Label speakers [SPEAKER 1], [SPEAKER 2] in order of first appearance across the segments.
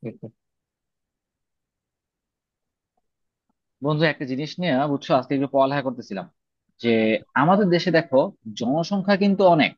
[SPEAKER 1] হম
[SPEAKER 2] বন্ধু একটা জিনিস নিয়ে বুঝছো, আজকে একটু পড়ালেখা করতেছিলাম যে আমাদের দেশে দেখো জনসংখ্যা কিন্তু অনেক।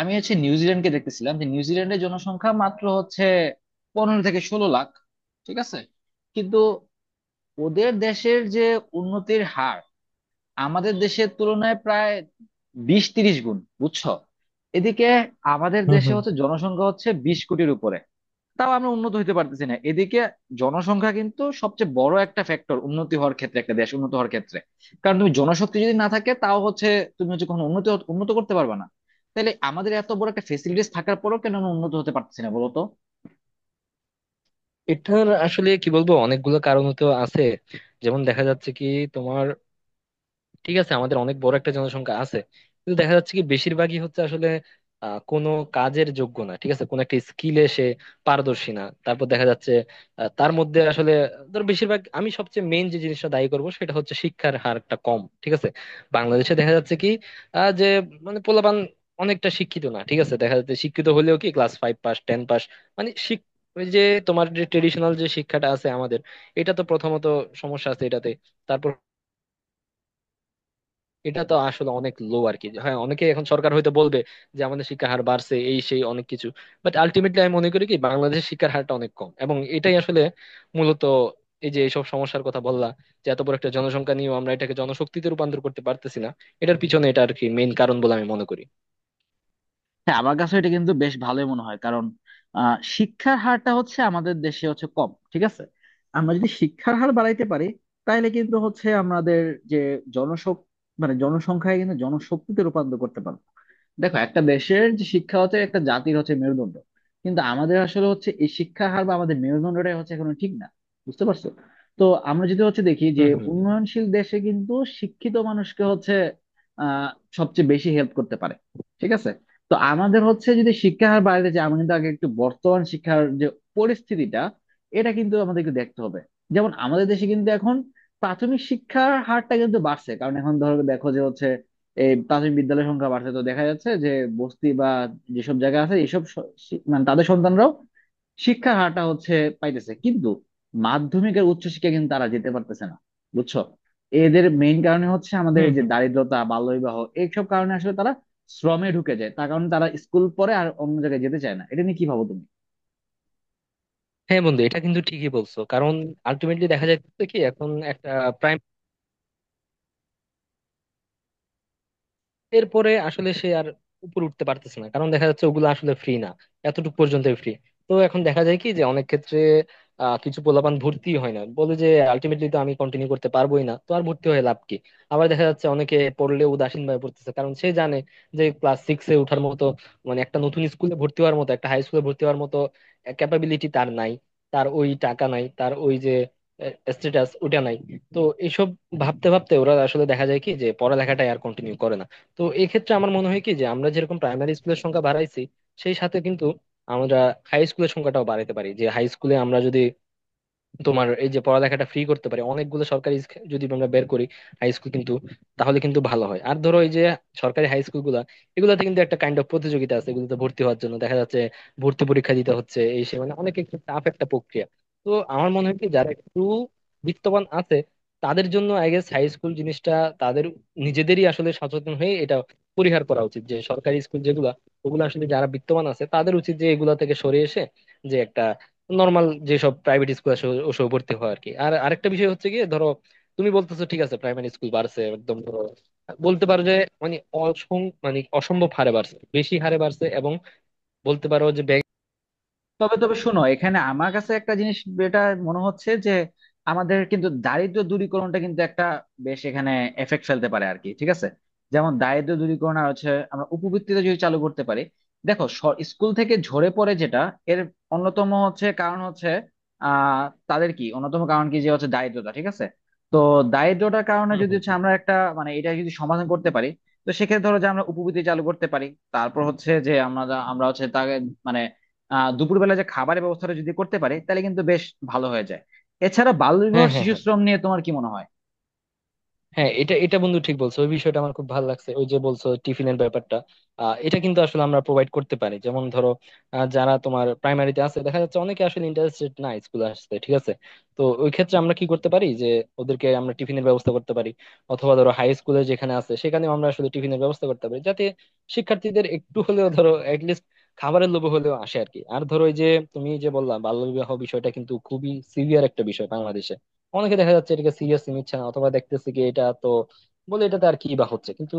[SPEAKER 2] আমি হচ্ছে নিউজিল্যান্ডকে দেখতেছিলাম যে নিউজিল্যান্ডের জনসংখ্যা মাত্র হচ্ছে 15 থেকে 16 লাখ, ঠিক আছে? কিন্তু ওদের দেশের যে উন্নতির হার আমাদের দেশের তুলনায় প্রায় 20-30 গুণ, বুঝছো? এদিকে আমাদের দেশে
[SPEAKER 1] হম
[SPEAKER 2] হচ্ছে জনসংখ্যা হচ্ছে 20 কোটির উপরে, তাও আমরা উন্নত হতে পারতেছি না। এদিকে জনসংখ্যা কিন্তু সবচেয়ে বড় একটা ফ্যাক্টর উন্নতি হওয়ার ক্ষেত্রে, একটা দেশ উন্নত হওয়ার ক্ষেত্রে। কারণ তুমি জনশক্তি যদি না থাকে তাও হচ্ছে তুমি হচ্ছে কখনো উন্নত করতে পারবে না। তাহলে আমাদের এত বড় একটা ফেসিলিটিস থাকার পরেও কেন আমরা উন্নত হতে পারতেছি না বলো তো?
[SPEAKER 1] এটার আসলে কি বলবো? অনেকগুলো কারণ তো আছে। যেমন দেখা যাচ্ছে কি, তোমার, ঠিক আছে, আমাদের অনেক বড় একটা জনসংখ্যা আছে। কিন্তু দেখা যাচ্ছে কি বেশিরভাগই হচ্ছে আসলে কোনো কাজের যোগ্য না, ঠিক আছে। কোনো একটা স্কিলে সে পারদর্শী না। তারপর দেখা যাচ্ছে তার মধ্যে আসলে ধর বেশিরভাগ, আমি সবচেয়ে মেইন যে জিনিসটা দায়ী করব সেটা হচ্ছে শিক্ষার হারটা কম, ঠিক আছে। বাংলাদেশে দেখা যাচ্ছে কি, যে মানে পোলাপান অনেকটা শিক্ষিত না, ঠিক আছে। দেখা যাচ্ছে শিক্ষিত হলেও কি class five pass, ten pass. মানে শিক- ওই যে তোমার যে ট্রেডিশনাল যে শিক্ষাটা আছে আমাদের, এটা তো প্রথমত সমস্যা আছে এটাতে। তারপর এটা তো আসলে অনেক লো আর কি। হ্যাঁ, অনেকে এখন সরকার হয়তো বলবে যে আমাদের শিক্ষার হার বাড়ছে এই সেই অনেক কিছু। বাট আলটিমেটলি আমি মনে করি কি বাংলাদেশের শিক্ষার হারটা অনেক কম, এবং এটাই আসলে মূলত এই যে এইসব সমস্যার কথা বললা, যে এত বড় একটা জনসংখ্যা নিয়েও আমরা এটাকে জনশক্তিতে রূপান্তর করতে পারতেছি না, এটার পিছনে এটা আর কি মেইন কারণ বলে আমি মনে করি।
[SPEAKER 2] হ্যাঁ, আমার কাছে এটা কিন্তু বেশ ভালোই মনে হয়। কারণ শিক্ষার হারটা হচ্ছে আমাদের দেশে হচ্ছে কম, ঠিক আছে। আমরা যদি শিক্ষার হার বাড়াইতে পারি, তাহলে কিন্তু হচ্ছে আমাদের যে জনসং মানে জনসংখ্যায় কিন্তু জনশক্তিতে রূপান্তর করতে পারবো। দেখো, একটা দেশের যে শিক্ষা হচ্ছে একটা জাতির হচ্ছে মেরুদণ্ড, কিন্তু আমাদের আসলে হচ্ছে এই শিক্ষার হার বা আমাদের মেরুদণ্ডটাই হচ্ছে এখনো ঠিক না, বুঝতে পারছো? তো আমরা যদি হচ্ছে দেখি যে
[SPEAKER 1] হুম, হুম, হুম,
[SPEAKER 2] উন্নয়নশীল দেশে কিন্তু শিক্ষিত মানুষকে হচ্ছে আহ সবচেয়ে বেশি হেল্প করতে পারে, ঠিক আছে। তো আমাদের হচ্ছে যদি শিক্ষার হার বাড়াতে চাই, আমরা কিন্তু আগে একটু বর্তমান শিক্ষার যে পরিস্থিতিটা, এটা কিন্তু আমাদেরকে দেখতে হবে। যেমন আমাদের দেশে কিন্তু এখন প্রাথমিক শিক্ষার হারটা কিন্তু বাড়ছে, কারণ এখন ধরো দেখো যে হচ্ছে এই প্রাথমিক বিদ্যালয়ের সংখ্যা বাড়ছে। তো দেখা যাচ্ছে যে বস্তি বা যেসব জায়গা আছে এসব মানে তাদের সন্তানরাও শিক্ষার হারটা হচ্ছে পাইতেছে, কিন্তু মাধ্যমিকের উচ্চশিক্ষা কিন্তু তারা যেতে পারতেছে না, বুঝছো? এদের মেইন কারণে হচ্ছে আমাদের
[SPEAKER 1] হুম,
[SPEAKER 2] এই যে
[SPEAKER 1] হুম।
[SPEAKER 2] দারিদ্রতা, বাল্যবিবাহ, এইসব কারণে আসলে তারা শ্রমে ঢুকে যায়। তার কারণে তারা স্কুল পড়ে আর অন্য জায়গায় যেতে চায় না। এটা নিয়ে কি ভাবো তুমি?
[SPEAKER 1] হ্যাঁ বন্ধু, এটা কিন্তু ঠিকই বলছো। কারণ আলটিমেটলি দেখা যাচ্ছে কি এখন এরপরে আসলে সে আর উপরে উঠতে পারতেছে না, কারণ দেখা যাচ্ছে ওগুলো আসলে ফ্রি না, এতটুকু পর্যন্ত ফ্রি। তো এখন দেখা যায় কি যে অনেক ক্ষেত্রে কিছু পোলাপান ভর্তি হয় না বলে যে আলটিমেটলি তো আমি কন্টিনিউ করতে পারবোই না, তো আর ভর্তি হয়ে লাভ কি। আবার দেখা যাচ্ছে অনেকে পড়লে উদাসীন ভাবে পড়তেছে, কারণ সে জানে যে ক্লাস সিক্স এ ওঠার মতো, মানে একটা নতুন স্কুলে ভর্তি হওয়ার মতো, একটা হাই স্কুলে ভর্তি হওয়ার মতো ক্যাপাবিলিটি তার নাই, তার ওই টাকা নাই, তার ওই যে স্ট্যাটাস ওটা নাই। তো এইসব ভাবতে ভাবতে ওরা আসলে দেখা যায় কি যে পড়ালেখাটাই আর কন্টিনিউ করে না। তো এক্ষেত্রে আমার মনে হয় কি যে আমরা যেরকম প্রাইমারি স্কুলের সংখ্যা বাড়াইছি, সেই সাথে কিন্তু আমরা হাই স্কুলের সংখ্যাটাও বাড়াইতে পারি। যে হাই স্কুলে আমরা যদি তোমার এই যে পড়ালেখাটা ফ্রি করতে পারি, অনেকগুলো সরকারি যদি আমরা বের করি, হাই স্কুল কিন্তু, তাহলে কিন্তু ভালো হয়। আর ধরো এই যে সরকারি হাই স্কুল গুলা, এগুলাতে কিন্তু একটা কাইন্ড অফ প্রতিযোগিতা আছে, এগুলোতে ভর্তি হওয়ার জন্য দেখা যাচ্ছে ভর্তি পরীক্ষা দিতে হচ্ছে এই সে, মানে অনেক একটু টাফ একটা প্রক্রিয়া। তো আমার মনে হয় কি যারা একটু বিত্তবান আছে, তাদের জন্য আই গেস হাই স্কুল জিনিসটা, তাদের নিজেদেরই আসলে সচেতন হয়ে এটা পরিহার করা উচিত, যে সরকারি স্কুল যেগুলা, ওগুলো আসলে যারা বিত্তবান আছে তাদের উচিত যে এগুলা থেকে সরে এসে যে একটা নর্মাল যেসব প্রাইভেট স্কুল আছে ওসব ভর্তি হওয়া আর কি। আর আরেকটা বিষয় হচ্ছে কি, ধরো তুমি বলতেছো, ঠিক আছে, প্রাইমারি স্কুল বাড়ছে, একদম ধরো বলতে পারো যে মানে অসং মানে অসম্ভব হারে বাড়ছে, বেশি হারে বাড়ছে, এবং বলতে পারো যে ব্যাংক।
[SPEAKER 2] তবে তবে শোনো, এখানে আমার কাছে একটা জিনিস, এটা মনে হচ্ছে যে আমাদের কিন্তু দারিদ্র দূরীকরণটা কিন্তু একটা বেশ এখানে এফেক্ট ফেলতে পারে আর কি, ঠিক আছে। যেমন দারিদ্র দূরীকরণ, আর হচ্ছে আমরা উপবৃত্তিটা যদি চালু করতে পারি। দেখো, স্কুল থেকে ঝরে পড়ে যেটা, এর অন্যতম হচ্ছে কারণ হচ্ছে আহ তাদের কি অন্যতম কারণ কি যে হচ্ছে দারিদ্রতা, ঠিক আছে। তো দারিদ্রতার কারণে
[SPEAKER 1] হুম,
[SPEAKER 2] যদি
[SPEAKER 1] হুম,
[SPEAKER 2] হচ্ছে
[SPEAKER 1] হুম।
[SPEAKER 2] আমরা একটা মানে এটা যদি সমাধান করতে পারি, তো সেক্ষেত্রে ধরো যে আমরা উপবৃত্তি চালু করতে পারি। তারপর হচ্ছে যে আমরা আমরা হচ্ছে তাকে মানে আহ দুপুরবেলা যে খাবারের ব্যবস্থাটা যদি করতে পারে তাহলে কিন্তু বেশ ভালো হয়ে যায়। এছাড়া বাল্যবিবাহ,
[SPEAKER 1] হ্যাঁ, হ্যাঁ,
[SPEAKER 2] শিশু
[SPEAKER 1] হ্যাঁ,
[SPEAKER 2] শ্রম নিয়ে তোমার কি মনে হয়?
[SPEAKER 1] হ্যাঁ, এটা এটা বন্ধু ঠিক বলছো। ওই বিষয়টা আমার খুব ভালো লাগছে, ওই যে বলছো টিফিনের ব্যাপারটা। এটা কিন্তু আসলে আমরা প্রোভাইড করতে পারি, যেমন ধরো যারা তোমার প্রাইমারিতে আছে দেখা যাচ্ছে অনেকে আসলে ইন্টারেস্টেড না স্কুলে আসতে, ঠিক আছে। তো ওই ক্ষেত্রে আমরা কি করতে পারি যে ওদেরকে আমরা টিফিনের ব্যবস্থা করতে পারি। অথবা ধরো হাই স্কুলে যেখানে আছে সেখানে আমরা আসলে টিফিনের ব্যবস্থা করতে পারি, যাতে শিক্ষার্থীদের একটু হলেও ধরো লিস্ট, খাবারের লোভে হলেও আসে আর কি। আর ধরো ওই যে তুমি যে বললা বাল্য বিবাহ, বিষয়টা কিন্তু খুবই সিভিয়ার একটা বিষয় বাংলাদেশে। অনেকে দেখা যাচ্ছে এটাকে সিরিয়াসলি নিচ্ছে না, অথবা দেখতেছে কি এটা তো বলে এটাতে আর কি বা হচ্ছে কিন্তু,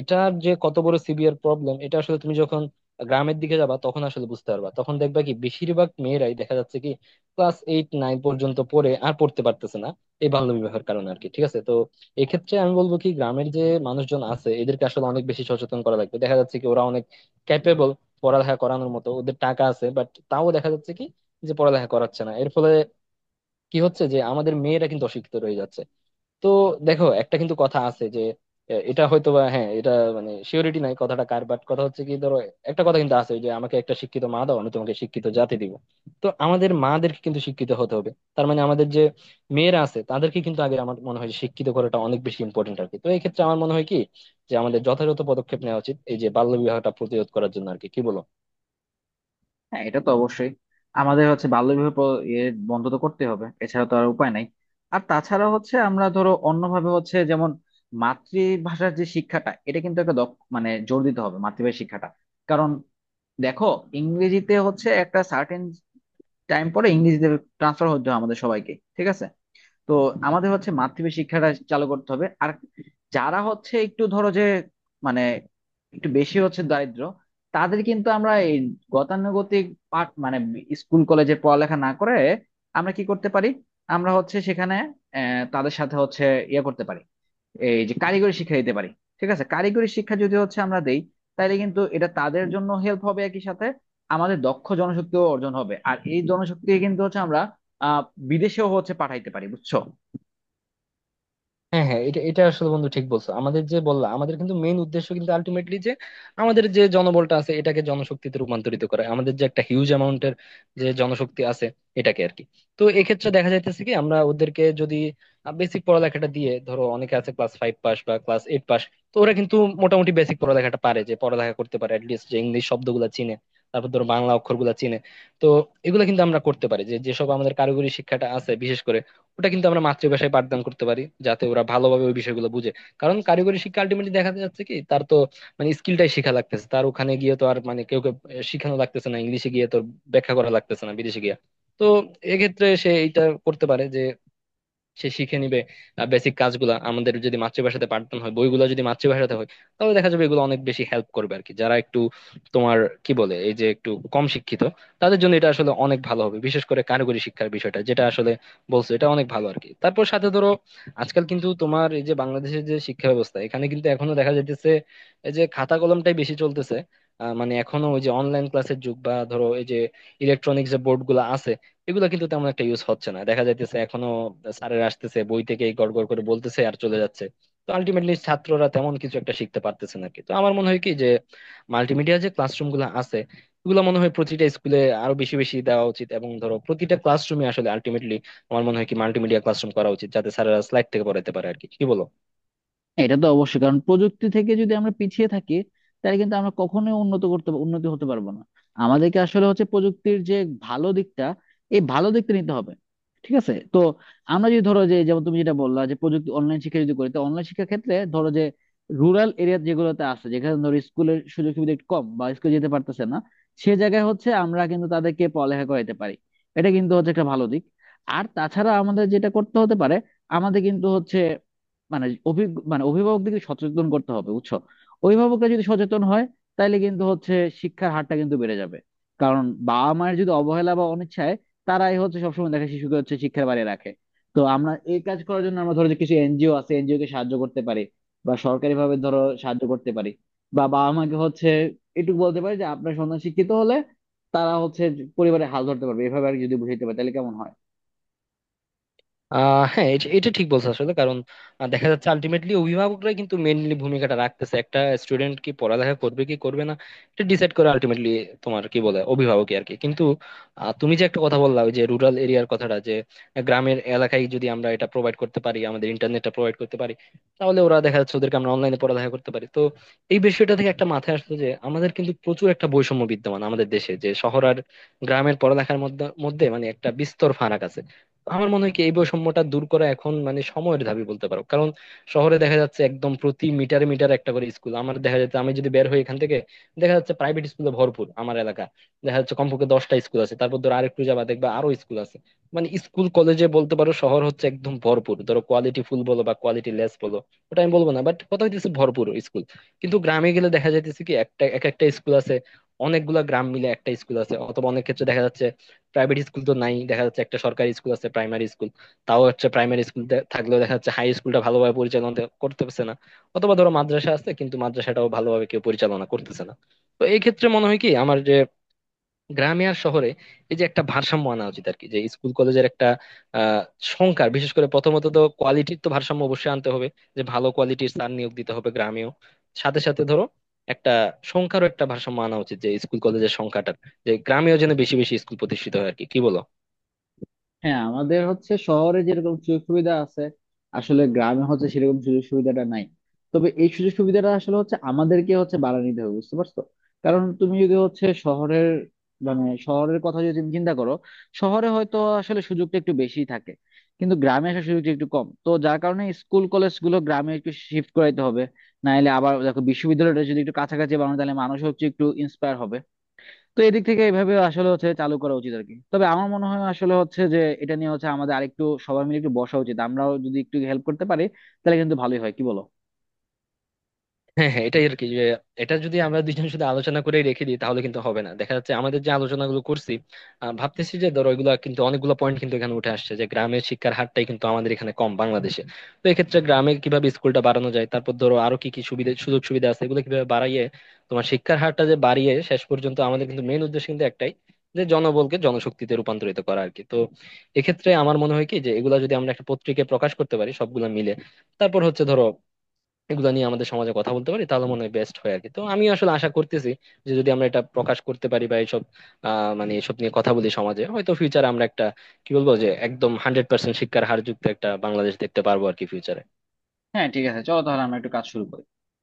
[SPEAKER 1] এটার যে কত বড় সিভিয়ার প্রবলেম এটা আসলে তুমি যখন গ্রামের দিকে যাবা তখন আসলে বুঝতে পারবা। তখন দেখবা কি বেশিরভাগ মেয়েরাই দেখা যাচ্ছে কি ক্লাস এইট নাইন পর্যন্ত পড়ে আর পড়তে পারতেছে না, এই বাল্য বিবাহের কারণে আর কি, ঠিক আছে। তো এক্ষেত্রে আমি বলবো কি গ্রামের যে মানুষজন আছে এদেরকে আসলে অনেক বেশি সচেতন করা লাগবে। দেখা যাচ্ছে কি ওরা অনেক ক্যাপেবল, পড়ালেখা করানোর মতো ওদের টাকা আছে, বাট তাও দেখা যাচ্ছে কি যে পড়ালেখা করাচ্ছে না। এর ফলে কি হচ্ছে যে আমাদের মেয়েরা কিন্তু অশিক্ষিত রয়ে যাচ্ছে। তো দেখো একটা কিন্তু কথা আছে যে এটা হয়তো বা, হ্যাঁ, এটা মানে শিওরিটি নাই কথাটা কার, বাট কথা হচ্ছে কি ধরো, একটা কথা কিন্তু আছে যে আমাকে একটা শিক্ষিত মা দাও, আমি তোমাকে শিক্ষিত জাতি দিব। তো আমাদের মাদেরকে কিন্তু শিক্ষিত হতে হবে, তার মানে আমাদের যে মেয়েরা আছে তাদেরকে কিন্তু আগে আমার মনে হয় শিক্ষিত করাটা অনেক বেশি ইম্পর্টেন্ট আর কি। তো এই ক্ষেত্রে আমার মনে হয় কি যে আমাদের যথাযথ পদক্ষেপ নেওয়া উচিত এই যে বাল্য বিবাহটা প্রতিরোধ করার জন্য আর কি, কি বলো?
[SPEAKER 2] হ্যাঁ, এটা তো অবশ্যই আমাদের হচ্ছে বাল্যবিবাহ প্র- এ বন্ধ তো করতে হবে, এছাড়া তো আর উপায় নাই। আর তাছাড়া হচ্ছে আমরা ধরো অন্যভাবে হচ্ছে যেমন মাতৃভাষার যে শিক্ষাটা, এটা কিন্তু একটা দক্ষ মানে জোর দিতে হবে মাতৃভাষার শিক্ষাটা। কারণ দেখো, ইংরেজিতে হচ্ছে একটা সার্টেন টাইম পরে ইংরেজিতে ট্রান্সফার হতে হয় আমাদের সবাইকে, ঠিক আছে। তো আমাদের হচ্ছে মাতৃভাষা শিক্ষাটা চালু করতে হবে। আর যারা হচ্ছে একটু ধরো যে মানে একটু বেশি হচ্ছে দারিদ্র, তাদের কিন্তু আমরা এই গতানুগতিক পাঠ মানে স্কুল কলেজে পড়ালেখা না করে আমরা কি করতে পারি, আমরা হচ্ছে সেখানে তাদের সাথে হচ্ছে ইয়ে করতে পারি এই যে কারিগরি শিক্ষা দিতে পারি, ঠিক আছে। কারিগরি শিক্ষা যদি হচ্ছে আমরা দেই, তাহলে কিন্তু এটা তাদের জন্য হেল্প হবে। একই সাথে আমাদের দক্ষ জনশক্তিও অর্জন হবে, আর এই জনশক্তি কিন্তু হচ্ছে আমরা আহ বিদেশেও হচ্ছে পাঠাইতে পারি, বুঝছো?
[SPEAKER 1] হ্যাঁ, হ্যাঁ, এটা এটা আসলে বন্ধু ঠিক বলছো। আমাদের যে বললা আমাদের কিন্তু মেইন উদ্দেশ্য কিন্তু আলটিমেটলি, যে আমাদের যে জনবলটা আছে এটাকে জনশক্তিতে রূপান্তরিত করা, আমাদের যে একটা হিউজ অ্যামাউন্টের যে জনশক্তি আছে এটাকে আর কি। তো এক্ষেত্রে দেখা যাইতেছে কি আমরা ওদেরকে যদি বেসিক পড়ালেখাটা দিয়ে ধরো অনেকে আছে ক্লাস ফাইভ পাস বা ক্লাস এইট পাস, তো ওরা কিন্তু মোটামুটি বেসিক পড়ালেখাটা পারে, যে পড়ালেখা করতে পারে, অ্যাটলিস্ট যে ইংলিশ শব্দগুলো চিনে, তারপর ধরো বাংলা অক্ষরগুলো চিনে। তো এগুলো কিন্তু আমরা করতে পারি যে যেসব আমাদের কারিগরি শিক্ষাটা আছে বিশেষ করে, ওটা কিন্তু আমরা মাতৃভাষায় পাঠদান করতে পারি, যাতে ওরা ভালোভাবে ওই বিষয়গুলো বুঝে। কারণ কারিগরি শিক্ষা আলটিমেটলি দেখা যাচ্ছে কি, তার তো মানে স্কিলটাই শিখা লাগতেছে, তার ওখানে গিয়ে তো আর মানে কেউ কেউ শিখানো লাগতেছে না, ইংলিশে গিয়ে তোর ব্যাখ্যা করা লাগতেছে না বিদেশে গিয়ে। তো এক্ষেত্রে সে এটা করতে পারে যে সে শিখে নিবে বেসিক কাজগুলা। আমাদের যদি মাতৃভাষাতে পাঠদান হয়, বইগুলা যদি মাতৃভাষাতে হয়, তাহলে দেখা যাবে এগুলো অনেক বেশি হেল্প করবে আর কি, যারা একটু তোমার কি বলে এই যে একটু কম শিক্ষিত, তাদের জন্য এটা আসলে অনেক ভালো হবে। বিশেষ করে কারিগরি শিক্ষার বিষয়টা যেটা আসলে বলছো, এটা অনেক ভালো আর কি। তারপর সাথে ধরো আজকাল কিন্তু তোমার এই যে বাংলাদেশের যে শিক্ষা ব্যবস্থা এখানে কিন্তু এখনো দেখা যাইতেছে এই যে খাতা কলমটাই বেশি চলতেছে। মানে এখনো ওই যে অনলাইন ক্লাসের যুগ বা ধরো এই যে ইলেকট্রনিক্স যে বোর্ড গুলো আছে, এগুলা কিন্তু তেমন একটা ইউজ হচ্ছে না, দেখা যাইতেছে এখনো। স্যারেরা আসতেছে, বই থেকে গড় গড় করে বলতেছে, আর চলে যাচ্ছে। তো আলটিমেটলি ছাত্ররা তেমন কিছু একটা শিখতে পারতেছে না কি। তো আমার মনে হয় কি যে মাল্টিমিডিয়া যে ক্লাসরুম গুলো আছে এগুলো মনে হয় প্রতিটা স্কুলে আরো বেশি বেশি দেওয়া উচিত, এবং ধরো প্রতিটা ক্লাসরুমে আসলে আলটিমেটলি আমার মনে হয় কি মাল্টিমিডিয়া ক্লাসরুম করা উচিত, যাতে স্যারেরা স্লাইড থেকে পড়াইতে পারে আর কি, কি বলো?
[SPEAKER 2] এটা তো অবশ্যই, কারণ প্রযুক্তি থেকে যদি আমরা পিছিয়ে থাকি তাহলে কিন্তু আমরা কখনোই উন্নত করতে উন্নতি হতে পারবো না। আমাদেরকে আসলে হচ্ছে প্রযুক্তির যে ভালো দিকটা, এই ভালো দিকটা নিতে হবে, ঠিক আছে। তো আমরা যদি ধরো যে, যেমন তুমি যেটা বললা যে প্রযুক্তি অনলাইন শিক্ষা যদি করি, তো অনলাইন শিক্ষার ক্ষেত্রে ধরো যে রুরাল এরিয়া যেগুলোতে আছে, যেখানে ধরো স্কুলের সুযোগ সুবিধা একটু কম বা স্কুলে যেতে পারতেছে না, সে জায়গায় হচ্ছে আমরা কিন্তু তাদেরকে পড়ালেখা করাইতে পারি। এটা কিন্তু হচ্ছে একটা ভালো দিক। আর তাছাড়া আমাদের যেটা করতে হতে পারে, আমাদের কিন্তু হচ্ছে মানে অভিজ্ঞ মানে অভিভাবকদেরকে সচেতন করতে হবে, বুঝছো? অভিভাবকরা যদি সচেতন হয়, তাহলে কিন্তু হচ্ছে শিক্ষার হারটা কিন্তু বেড়ে যাবে। কারণ বাবা মায়ের যদি অবহেলা বা অনিচ্ছায়, তারাই হচ্ছে সবসময় দেখে শিশুকে হচ্ছে শিক্ষার বাইরে রাখে। তো আমরা এই কাজ করার জন্য আমরা ধরো যে কিছু এনজিও আছে, এনজিও কে সাহায্য করতে পারি বা সরকারি ভাবে ধরো সাহায্য করতে পারি, বা বাবা মাকে হচ্ছে এটুকু বলতে পারি যে আপনার সন্তান শিক্ষিত হলে তারা হচ্ছে পরিবারে হাল ধরতে পারবে, এভাবে আর কি যদি বুঝাইতে পারে তাহলে কেমন হয়।
[SPEAKER 1] হ্যাঁ, এটা এটা ঠিক বলছো আসলে। কারণ দেখা যাচ্ছে আলটিমেটলি অভিভাবকরাই কিন্তু মেইনলি ভূমিকাটা রাখতেছে, একটা স্টুডেন্ট কি পড়ালেখা করবে কি করবে না এটা ডিসাইড করে আলটিমেটলি তোমার কি বলে অভিভাবকই আর কি কিন্তু। তুমি যে একটা কথা বললা ওই যে রুরাল এরিয়ার কথাটা, যে গ্রামের এলাকায় যদি আমরা এটা প্রোভাইড করতে পারি, আমাদের ইন্টারনেটটা প্রোভাইড করতে পারি, তাহলে ওরা দেখা যাচ্ছে ওদেরকে আমরা অনলাইনে পড়ালেখা করতে পারি। তো এই বিষয়টা থেকে একটা মাথায় আসলো যে আমাদের কিন্তু প্রচুর একটা বৈষম্য বিদ্যমান আমাদের দেশে, যে শহর আর গ্রামের পড়ালেখার মধ্যে মধ্যে মানে একটা বিস্তর ফারাক আছে। আমার মনে হয় কি এই বৈষম্যটা দূর করা এখন মানে সময়ের দাবি বলতে পারো। কারণ শহরে দেখা যাচ্ছে একদম প্রতি মিটারে মিটারে একটা করে স্কুল আমার, দেখা যাচ্ছে আমি যদি বের হই এখান থেকে দেখা যাচ্ছে প্রাইভেট স্কুলে ভরপুর আমার এলাকা, দেখা যাচ্ছে কমপক্ষে 10টা স্কুল আছে, তারপর ধর আরেকটু যাবা দেখবা আরো স্কুল আছে। মানে স্কুল কলেজে বলতে পারো শহর হচ্ছে একদম ভরপুর, ধরো কোয়ালিটি ফুল বলো বা কোয়ালিটি লেস বলো, ওটা আমি বলবো না, বাট কথা হইতেছে ভরপুর স্কুল। কিন্তু গ্রামে গেলে দেখা যাইতেছে কি একটা এক একটা স্কুল আছে, অনেকগুলা গ্রাম মিলে একটা স্কুল আছে। অথবা অনেক ক্ষেত্রে দেখা যাচ্ছে প্রাইভেট স্কুল তো নাই, দেখা যাচ্ছে একটা সরকারি স্কুল আছে, প্রাইমারি স্কুল। তাও হচ্ছে প্রাইমারি স্কুল থাকলেও দেখা যাচ্ছে হাই স্কুলটা ভালোভাবে পরিচালনা করতে পারছে না। অথবা ধরো মাদ্রাসা আছে, কিন্তু মাদ্রাসাটাও ভালোভাবে কেউ পরিচালনা করতেছে না। তো এই ক্ষেত্রে মনে হয় কি আমার, যে গ্রামে আর শহরে এই যে একটা ভারসাম্য আনা উচিত আর কি, যে স্কুল কলেজের একটা আহ সংখ্যার বিশেষ করে, প্রথমত তো কোয়ালিটির তো ভারসাম্য অবশ্যই আনতে হবে, যে ভালো কোয়ালিটির স্যার নিয়োগ দিতে হবে গ্রামেও। সাথে সাথে ধরো একটা সংখ্যারও একটা ভারসাম্য আনা উচিত, যে স্কুল কলেজের সংখ্যাটার, যে গ্রামেও যেন বেশি বেশি স্কুল প্রতিষ্ঠিত হয় আর কি, কি বলো?
[SPEAKER 2] হ্যাঁ, আমাদের হচ্ছে শহরে যেরকম সুযোগ সুবিধা আছে, আসলে গ্রামে হচ্ছে সেরকম সুযোগ সুবিধাটা নাই। তবে এই সুযোগ সুবিধাটা আসলে হচ্ছে আমাদেরকে হচ্ছে বাড়া নিতে হবে, বুঝতে পারছো? কারণ তুমি যদি হচ্ছে শহরের মানে শহরের কথা যদি তুমি চিন্তা করো, শহরে হয়তো আসলে সুযোগটা একটু বেশি থাকে, কিন্তু গ্রামে আসার সুযোগটা একটু কম, তো যার কারণে স্কুল কলেজ গুলো গ্রামে একটু শিফট করাইতে হবে। নাহলে আবার দেখো বিশ্ববিদ্যালয়টা যদি একটু কাছাকাছি বানানো তাহলে মানুষ হচ্ছে একটু ইন্সপায়ার হবে। তো এদিক থেকে এইভাবে আসলে হচ্ছে চালু করা উচিত আর কি। তবে আমার মনে হয় আসলে হচ্ছে যে এটা নিয়ে হচ্ছে আমাদের আরেকটু সবাই মিলে একটু বসা উচিত। আমরাও যদি একটু হেল্প করতে পারি তাহলে কিন্তু ভালোই হয়, কি বলো?
[SPEAKER 1] হ্যাঁ, হ্যাঁ, এটাই আর কি। যে এটা যদি আমরা দুইজন শুধু আলোচনা করে রেখে দিই তাহলে কিন্তু হবে না। দেখা যাচ্ছে আমাদের যে আলোচনাগুলো করছি, ভাবতেছি যে ধরো এগুলো কিন্তু অনেকগুলো পয়েন্ট কিন্তু এখানে উঠে আসছে, যে গ্রামের শিক্ষার হারটাই কিন্তু আমাদের এখানে কম বাংলাদেশে। তো এক্ষেত্রে গ্রামে কিভাবে স্কুলটা বাড়ানো যায়, তারপর ধরো আরো কি কি সুবিধা সুযোগ সুবিধা আছে এগুলো কিভাবে বাড়াইয়ে তোমার শিক্ষার হারটা যে বাড়িয়ে, শেষ পর্যন্ত আমাদের কিন্তু মেইন উদ্দেশ্য কিন্তু একটাই, যে জনবলকে জনশক্তিতে রূপান্তরিত করা আর কি। তো এক্ষেত্রে আমার মনে হয় কি যে এগুলা যদি আমরা একটা পত্রিকায় প্রকাশ করতে পারি সবগুলা মিলে, তারপর হচ্ছে ধরো এগুলো নিয়ে আমাদের সমাজে কথা বলতে পারি, তাহলে মনে হয় বেস্ট হয় আর কি। তো আমি আসলে আশা করতেছি যে যদি আমরা এটা প্রকাশ করতে পারি বা এইসব আহ মানে এসব নিয়ে কথা বলি সমাজে, হয়তো ফিউচারে আমরা একটা কি বলবো, যে একদম 100% শিক্ষার হার যুক্ত একটা বাংলাদেশ দেখতে পারবো আর কি ফিউচারে।
[SPEAKER 2] হ্যাঁ ঠিক আছে, চলো তাহলে আমরা একটু কাজ শুরু করি।